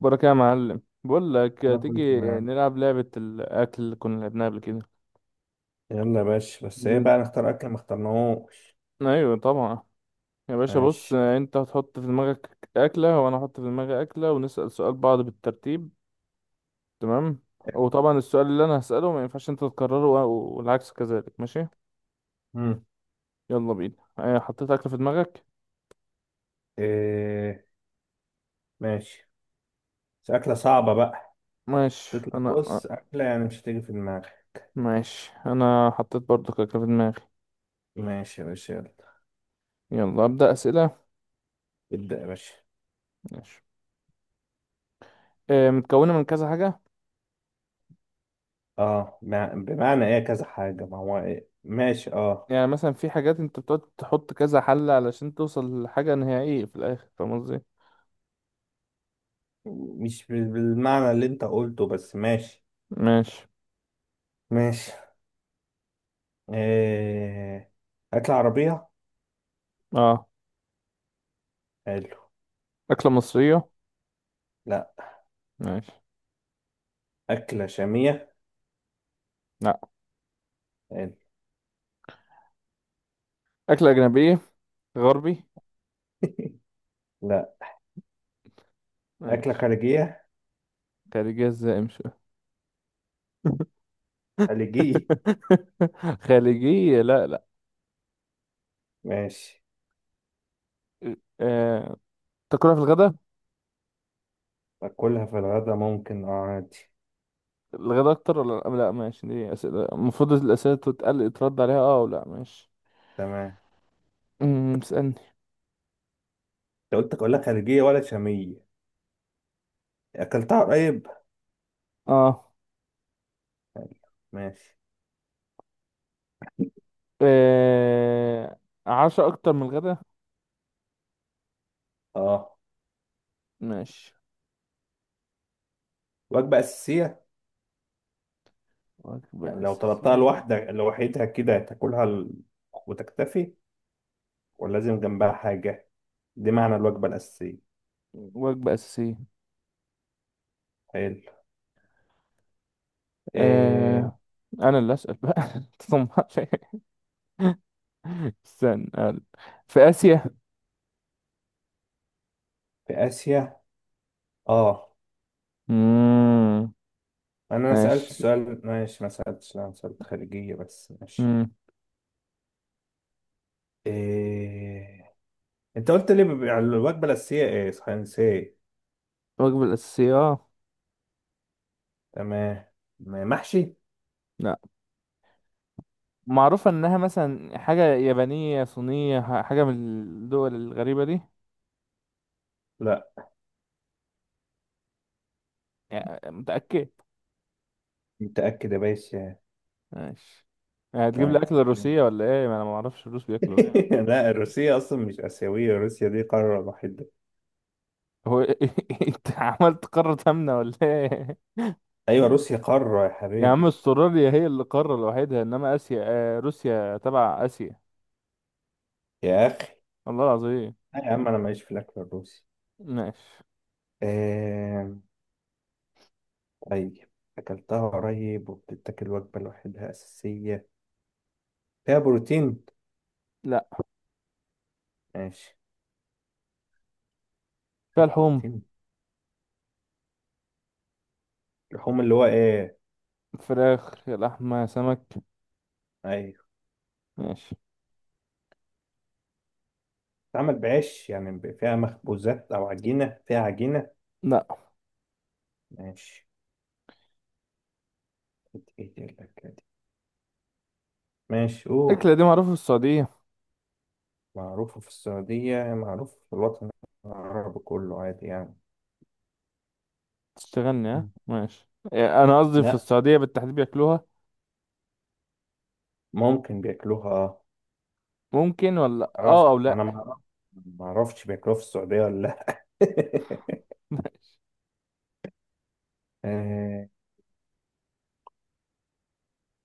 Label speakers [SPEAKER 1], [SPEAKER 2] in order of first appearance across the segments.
[SPEAKER 1] بركة يا معلم، بقول لك
[SPEAKER 2] انا كنت
[SPEAKER 1] تيجي
[SPEAKER 2] معاك.
[SPEAKER 1] نلعب لعبة الأكل اللي كنا لعبناها قبل كده.
[SPEAKER 2] يلا يا باشا، بس ايه
[SPEAKER 1] ب-
[SPEAKER 2] بقى؟ نختار اكل ما اخترناهوش.
[SPEAKER 1] أيوة طبعا. يا باشا بص،
[SPEAKER 2] ماشي.
[SPEAKER 1] أنت هتحط في دماغك أكلة وأنا هحط في دماغي أكلة ونسأل سؤال بعض بالترتيب. تمام. وطبعا السؤال اللي أنا هسأله ما ينفعش أنت تكرره والعكس كذلك، ماشي؟
[SPEAKER 2] مم.
[SPEAKER 1] يلا بينا. حطيت أكلة في دماغك.
[SPEAKER 2] إيه. ماشي، بس اكله
[SPEAKER 1] م.
[SPEAKER 2] صعبه بقى.
[SPEAKER 1] ماشي،
[SPEAKER 2] تطلع
[SPEAKER 1] أنا
[SPEAKER 2] بص اكله يعني مش هتيجي في دماغك.
[SPEAKER 1] ماشي. أنا حطيت برضك أكلة في دماغي.
[SPEAKER 2] ماشي يا باشا، يلا.
[SPEAKER 1] يلا أبدأ أسئلة.
[SPEAKER 2] ابدا يا باشا.
[SPEAKER 1] ماشي. متكونة من كذا حاجة؟
[SPEAKER 2] اه، بمعنى ايه كذا حاجه؟ ما هو إيه؟ ماشي، اه.
[SPEAKER 1] يعني مثلا في حاجات انت بتقعد تحط كذا حل علشان توصل لحاجة نهائية في الآخر، فاهم قصدي؟
[SPEAKER 2] مش بالمعنى اللي انت قلته، بس ماشي.
[SPEAKER 1] ماشي.
[SPEAKER 2] ماشي. إيه. اكله عربيه.
[SPEAKER 1] اه،
[SPEAKER 2] حلو.
[SPEAKER 1] أكلة مصرية؟
[SPEAKER 2] لا.
[SPEAKER 1] ماشي.
[SPEAKER 2] اكله شاميه.
[SPEAKER 1] لا،
[SPEAKER 2] حلو.
[SPEAKER 1] أكلة أجنبية، غربي؟
[SPEAKER 2] لا. اكله
[SPEAKER 1] ماشي.
[SPEAKER 2] خارجيه.
[SPEAKER 1] خارجية ازاي؟ مش
[SPEAKER 2] خليجيه.
[SPEAKER 1] خارجية، لا لا.
[SPEAKER 2] ماشي.
[SPEAKER 1] آه... تاكلها في الغداء؟
[SPEAKER 2] أكلها في الغدا ممكن، أه عادي.
[SPEAKER 1] الغداء أكتر ولا لا؟ لا ماشي، دي أسئلة المفروض الأسئلة تتقل ترد عليها اه ولا ماشي.
[SPEAKER 2] تمام.
[SPEAKER 1] اسألني.
[SPEAKER 2] أنت قلت أكلها خليجية ولا شامية؟ أكلتها قريب؟
[SPEAKER 1] اه،
[SPEAKER 2] ماشي.
[SPEAKER 1] آه، عشاء أكتر من الغداء؟
[SPEAKER 2] أه.
[SPEAKER 1] ماشي.
[SPEAKER 2] وجبة أساسية. يعني
[SPEAKER 1] وجبة
[SPEAKER 2] لو طلبتها
[SPEAKER 1] أساسية؟
[SPEAKER 2] لوحدك لوحدها كده تاكلها وتكتفي، ولا لازم جنبها حاجة؟ دي معنى الوجبة الأساسية.
[SPEAKER 1] وجبة أساسية.
[SPEAKER 2] حلو. إيه.
[SPEAKER 1] آه، أنا اللي أسأل بقى تطمعش. استنى أقول. في آسيا؟
[SPEAKER 2] في آسيا. أه.
[SPEAKER 1] مم.
[SPEAKER 2] أنا سألت
[SPEAKER 1] ماشي.
[SPEAKER 2] السؤال، ماشي، ما سألتش، أنا سألت خليجية بس، ماشي.
[SPEAKER 1] مم.
[SPEAKER 2] إيه. أنت قلت لي بيبقى الوجبة الأساسية إيه؟ صحيح نسيت.
[SPEAKER 1] الوجبة الأساسية آه.
[SPEAKER 2] تمام. محشي.
[SPEAKER 1] لا، معروفة إنها مثلا حاجة يابانية صينية، حاجة من الدول الغريبة دي؟
[SPEAKER 2] لا.
[SPEAKER 1] يعني متأكد؟
[SPEAKER 2] متأكد يا باشا.
[SPEAKER 1] ماشي. يعني هتجيب
[SPEAKER 2] طيب.
[SPEAKER 1] لي أكل روسية ولا إيه؟ ما أنا معرفش الروس بياكلوا إيه.
[SPEAKER 2] لا، روسيا اصلا مش اسيويه، روسيا دي قاره لوحدها.
[SPEAKER 1] هو إيه؟ أنت عملت قارة آمنة ولا إيه؟
[SPEAKER 2] ايوه روسيا قاره يا
[SPEAKER 1] يا عم
[SPEAKER 2] حبيبي.
[SPEAKER 1] استراليا هي اللي قارة لوحدها، انما اسيا، آه روسيا تبع اسيا.
[SPEAKER 2] يا اخي.
[SPEAKER 1] الله العظيم.
[SPEAKER 2] لا يا عم، انا ماليش في الاكل الروسي.
[SPEAKER 1] ماشي.
[SPEAKER 2] آه... طيب، اكلتها قريب وبتتاكل وجبه لوحدها اساسيه. فيها بروتين؟
[SPEAKER 1] لا،
[SPEAKER 2] ماشي.
[SPEAKER 1] فيها
[SPEAKER 2] فيها
[SPEAKER 1] لحوم؟
[SPEAKER 2] بروتين. اللحوم اللي هو ايه؟
[SPEAKER 1] فراخ، لحمة، سمك.
[SPEAKER 2] ايوه.
[SPEAKER 1] ماشي.
[SPEAKER 2] بتتعمل بعيش يعني، فيها مخبوزات او عجينه، فيها عجينه؟
[SPEAKER 1] لا.
[SPEAKER 2] ماشي. ايه دي الأكلة دي؟ ماشي، قول.
[SPEAKER 1] الأكلة دي معروفة في السعودية.
[SPEAKER 2] معروفة في السعودية؟ معروفة في الوطن العربي كله عادي يعني.
[SPEAKER 1] تشتغلني ها؟
[SPEAKER 2] مم.
[SPEAKER 1] ماشي. يعني أنا قصدي في
[SPEAKER 2] لا.
[SPEAKER 1] السعودية بالتحديد بياكلوها.
[SPEAKER 2] ممكن بياكلوها.
[SPEAKER 1] ممكن، ولا
[SPEAKER 2] معرفش،
[SPEAKER 1] اه أو
[SPEAKER 2] أنا
[SPEAKER 1] لأ؟
[SPEAKER 2] ما معرفش بياكلوها في السعودية ولا لأ. آه،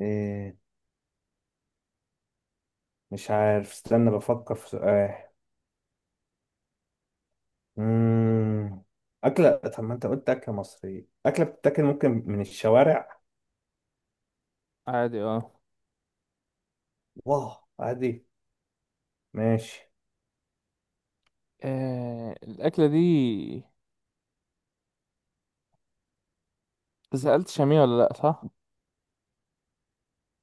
[SPEAKER 2] آه، مش عارف، استنى بفكر في سؤال. مم. أكلة. طب ما أنت قلت أكلة مصرية. أكلة بتتاكل ممكن من الشوارع؟
[SPEAKER 1] عادي اه.
[SPEAKER 2] واه عادي. ماشي.
[SPEAKER 1] الأكلة دي، سألت شامية ولا لأ، صح؟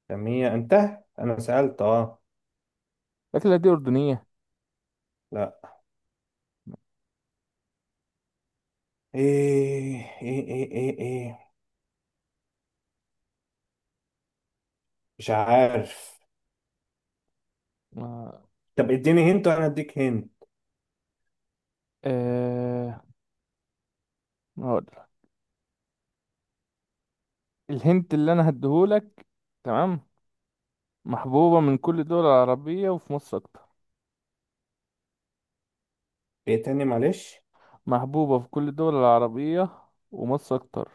[SPEAKER 2] سمية أنت؟ أنا سألت أه.
[SPEAKER 1] الأكلة دي أردنية.
[SPEAKER 2] لا. إيه، إيه، إيه، إيه، إيه. مش عارف.
[SPEAKER 1] آه.
[SPEAKER 2] طب اديني هنت، وانا اديك هنت.
[SPEAKER 1] آه، هقول. الهنت اللي أنا هديهولك. تمام. محبوبة من كل الدول العربية، وفي مصر أكتر.
[SPEAKER 2] ايه تاني؟ معلش.
[SPEAKER 1] محبوبة في كل الدول العربية، ومصر أكتر.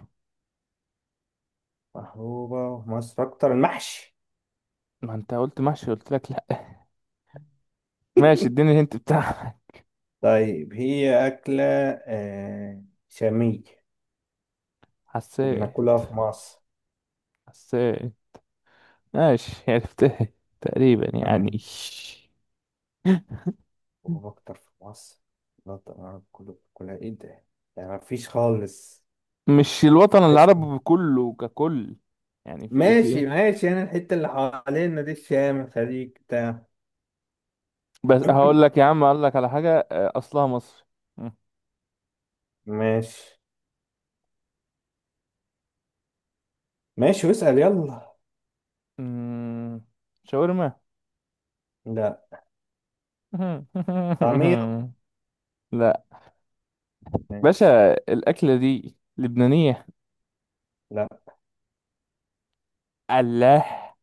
[SPEAKER 2] محبوبة في مصر اكتر؟ المحشي.
[SPEAKER 1] ما أنت قلت محشي قلت لك لأ. ماشي، اديني الهنت بتاعك.
[SPEAKER 2] طيب هي أكلة. آه شامية.
[SPEAKER 1] حساس.
[SPEAKER 2] وبناكلها في مصر.
[SPEAKER 1] حساس. ماشي، عرفتها. تقريبا يعني.
[SPEAKER 2] ماشي. وأكتر في مصر؟ لا طبعا كله. بناكلها، إيه ده؟ يعني مفيش خالص.
[SPEAKER 1] مش الوطن
[SPEAKER 2] ماشي،
[SPEAKER 1] العربي كله ككل، يعني في إيه في إيه.
[SPEAKER 2] ماشي، ماشي. أنا الحتة اللي حوالينا دي، الشام، الخليج بتاع.
[SPEAKER 1] بس هقول لك يا عم، هقول لك على حاجة، أصلها مصري.
[SPEAKER 2] ماشي ماشي، واسأل يلا.
[SPEAKER 1] أمم، شاورما؟
[SPEAKER 2] لا. طعمية.
[SPEAKER 1] لا.
[SPEAKER 2] ماشي.
[SPEAKER 1] باشا، الأكلة دي لبنانية؟
[SPEAKER 2] لا.
[SPEAKER 1] فلاح؟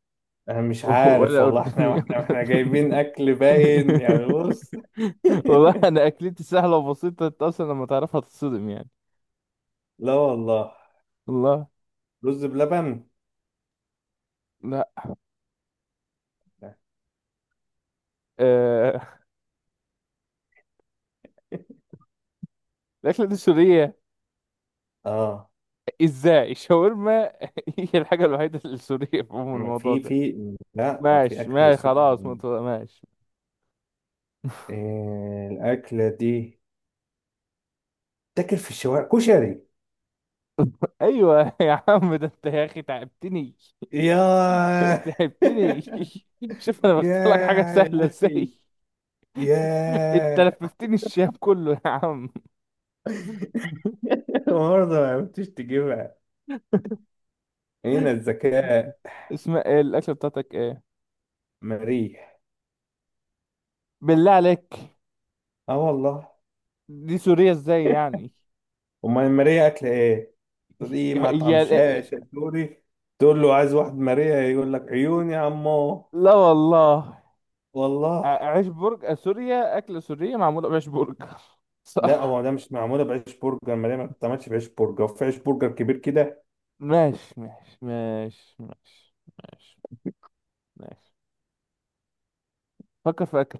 [SPEAKER 2] انا مش
[SPEAKER 1] ولا
[SPEAKER 2] عارف والله،
[SPEAKER 1] أردني
[SPEAKER 2] احنا احنا
[SPEAKER 1] ولا
[SPEAKER 2] احنا جايبين
[SPEAKER 1] لبناني؟
[SPEAKER 2] اكل باين يعني، بص.
[SPEAKER 1] والله أنا أكلتي سهلة وبسيطة، أنت أصلا لما تعرفها تتصدم يعني.
[SPEAKER 2] لا والله.
[SPEAKER 1] الله.
[SPEAKER 2] رز بلبن.
[SPEAKER 1] لا. آه... الأكلة دي سورية.
[SPEAKER 2] اه،
[SPEAKER 1] إزاي شاورما؟ هي الحاجة الوحيدة السورية في عموم الموضوع
[SPEAKER 2] في
[SPEAKER 1] ده.
[SPEAKER 2] في لا، في
[SPEAKER 1] ماشي
[SPEAKER 2] اكل
[SPEAKER 1] ماشي،
[SPEAKER 2] سوري.
[SPEAKER 1] خلاص، ماشي.
[SPEAKER 2] إيه الاكله دي؟ تاكل في الشوارع، كشري؟
[SPEAKER 1] أيوة يا عم، ده أنت يا أخي تعبتني.
[SPEAKER 2] يا.
[SPEAKER 1] تعبتني. شوف أنا
[SPEAKER 2] يا
[SPEAKER 1] بختار لك حاجة
[SPEAKER 2] يا
[SPEAKER 1] سهلة إزاي.
[SPEAKER 2] اخي،
[SPEAKER 1] أنت
[SPEAKER 2] يا.
[SPEAKER 1] لففتني الشام كله يا عم.
[SPEAKER 2] برضه ما عرفتش تجيبها. هنا الذكاء.
[SPEAKER 1] اسم إيه الاكله بتاعتك ايه؟
[SPEAKER 2] مريح.
[SPEAKER 1] بالله عليك.
[SPEAKER 2] اه والله.
[SPEAKER 1] دي سوريا ازاي يعني؟
[SPEAKER 2] امال ماريا اكل ايه؟ دي مطعم
[SPEAKER 1] هي؟
[SPEAKER 2] شاش سوري. تقول له عايز واحد ماريا، يقول لك عيوني يا عمو.
[SPEAKER 1] لا والله.
[SPEAKER 2] والله.
[SPEAKER 1] عيش برج سوريا، اكله سوريه معموله بعيش برج.
[SPEAKER 2] لا،
[SPEAKER 1] صح.
[SPEAKER 2] هو ده مش معموله بعيش برجر، ماريا ما بتتعملش بعيش برجر، في عيش برجر كبير كده.
[SPEAKER 1] ماشي ماشي ماشي ماشي ماشي. ماشي. فكر في اكل.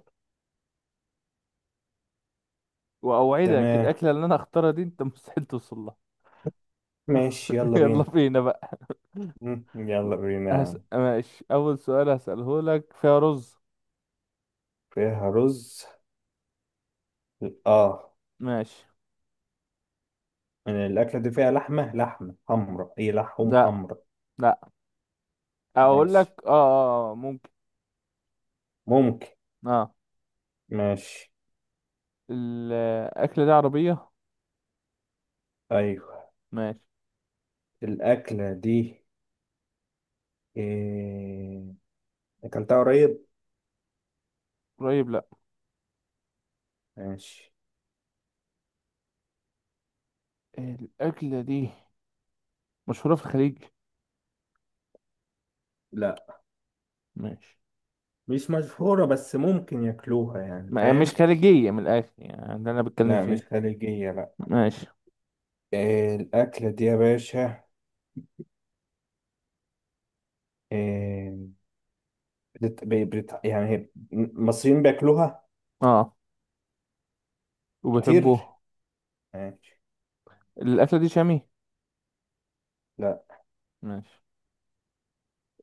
[SPEAKER 1] واوعدك
[SPEAKER 2] تمام.
[SPEAKER 1] الاكله اللي انا اختارها دي انت مستحيل توصل لها.
[SPEAKER 2] ماشي يلا
[SPEAKER 1] يلا
[SPEAKER 2] بينا.
[SPEAKER 1] بينا بقى.
[SPEAKER 2] يلا بينا يا عم.
[SPEAKER 1] ماشي، اول سؤال هسأله لك، فيها رز؟
[SPEAKER 2] فيها رز؟ اه.
[SPEAKER 1] ماشي.
[SPEAKER 2] الاكله دي فيها لحمه، لحمه حمراء، هي لحوم
[SPEAKER 1] لا.
[SPEAKER 2] حمراء؟
[SPEAKER 1] لا، اقول لك
[SPEAKER 2] ماشي.
[SPEAKER 1] اه، ممكن.
[SPEAKER 2] ممكن.
[SPEAKER 1] اه.
[SPEAKER 2] ماشي.
[SPEAKER 1] الأكلة دي عربية.
[SPEAKER 2] ايوه.
[SPEAKER 1] ماشي.
[SPEAKER 2] الاكله دي. إيه... اكلتها قريب؟
[SPEAKER 1] قريب؟ لأ.
[SPEAKER 2] ماشي.
[SPEAKER 1] الأكلة دي مشهورة في الخليج؟
[SPEAKER 2] لا
[SPEAKER 1] ماشي.
[SPEAKER 2] مش مشهورة، بس ممكن ياكلوها يعني،
[SPEAKER 1] ما مش
[SPEAKER 2] فاهم؟
[SPEAKER 1] خليجية من الآخر يعني، ده أنا بتكلم
[SPEAKER 2] لا مش
[SPEAKER 1] فيه.
[SPEAKER 2] خليجية، لا.
[SPEAKER 1] ماشي.
[SPEAKER 2] إيه الأكلة دي يا باشا؟ إيه. يعني المصريين بياكلوها.
[SPEAKER 1] اه،
[SPEAKER 2] كتير.
[SPEAKER 1] وبيحبوه.
[SPEAKER 2] ماشي.
[SPEAKER 1] الأكلة دي شامي؟
[SPEAKER 2] لا.
[SPEAKER 1] ماشي.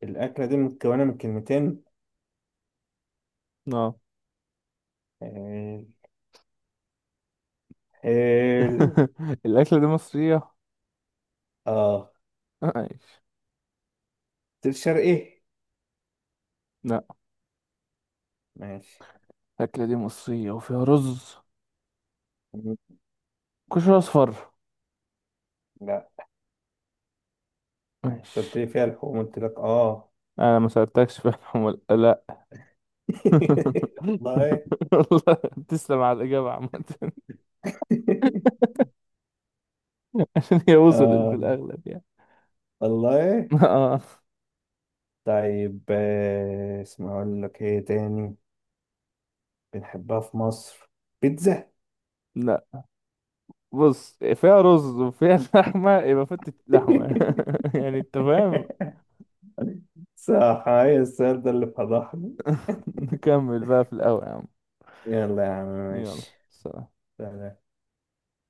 [SPEAKER 2] الأكلة دي متكونة من كلمتين؟
[SPEAKER 1] اه.
[SPEAKER 2] إيه. حلو.
[SPEAKER 1] الأكلة دي مصرية.
[SPEAKER 2] اه.
[SPEAKER 1] ماشي.
[SPEAKER 2] قلت لي شرقي؟
[SPEAKER 1] لأ.
[SPEAKER 2] ماشي.
[SPEAKER 1] الأكلة دي مصرية وفيها رز، كشري أصفر؟
[SPEAKER 2] لا. أنت قلت
[SPEAKER 1] ماشي.
[SPEAKER 2] لي فيها لحوم، قلت لك اه.
[SPEAKER 1] أنا ما سألتكش في الحمول، لأ.
[SPEAKER 2] والله.
[SPEAKER 1] والله. تسلم على الإجابة عامة، عشان هي وصلت في
[SPEAKER 2] اه
[SPEAKER 1] الأغلب يعني.
[SPEAKER 2] والله.
[SPEAKER 1] اه.
[SPEAKER 2] طيب، اسمع، اقول لك ايه تاني. بنحبها في مصر. بيتزا؟
[SPEAKER 1] لا، بص فيها رز وفيها لحمة، يبقى فتة لحمة، يعني انت فاهم.
[SPEAKER 2] صح، هاي السؤال ده اللي فضحني.
[SPEAKER 1] نكمل بقى في الأول يا عم.
[SPEAKER 2] يلا يا عم،
[SPEAKER 1] يلا.
[SPEAKER 2] ماشي.
[SPEAKER 1] سلام.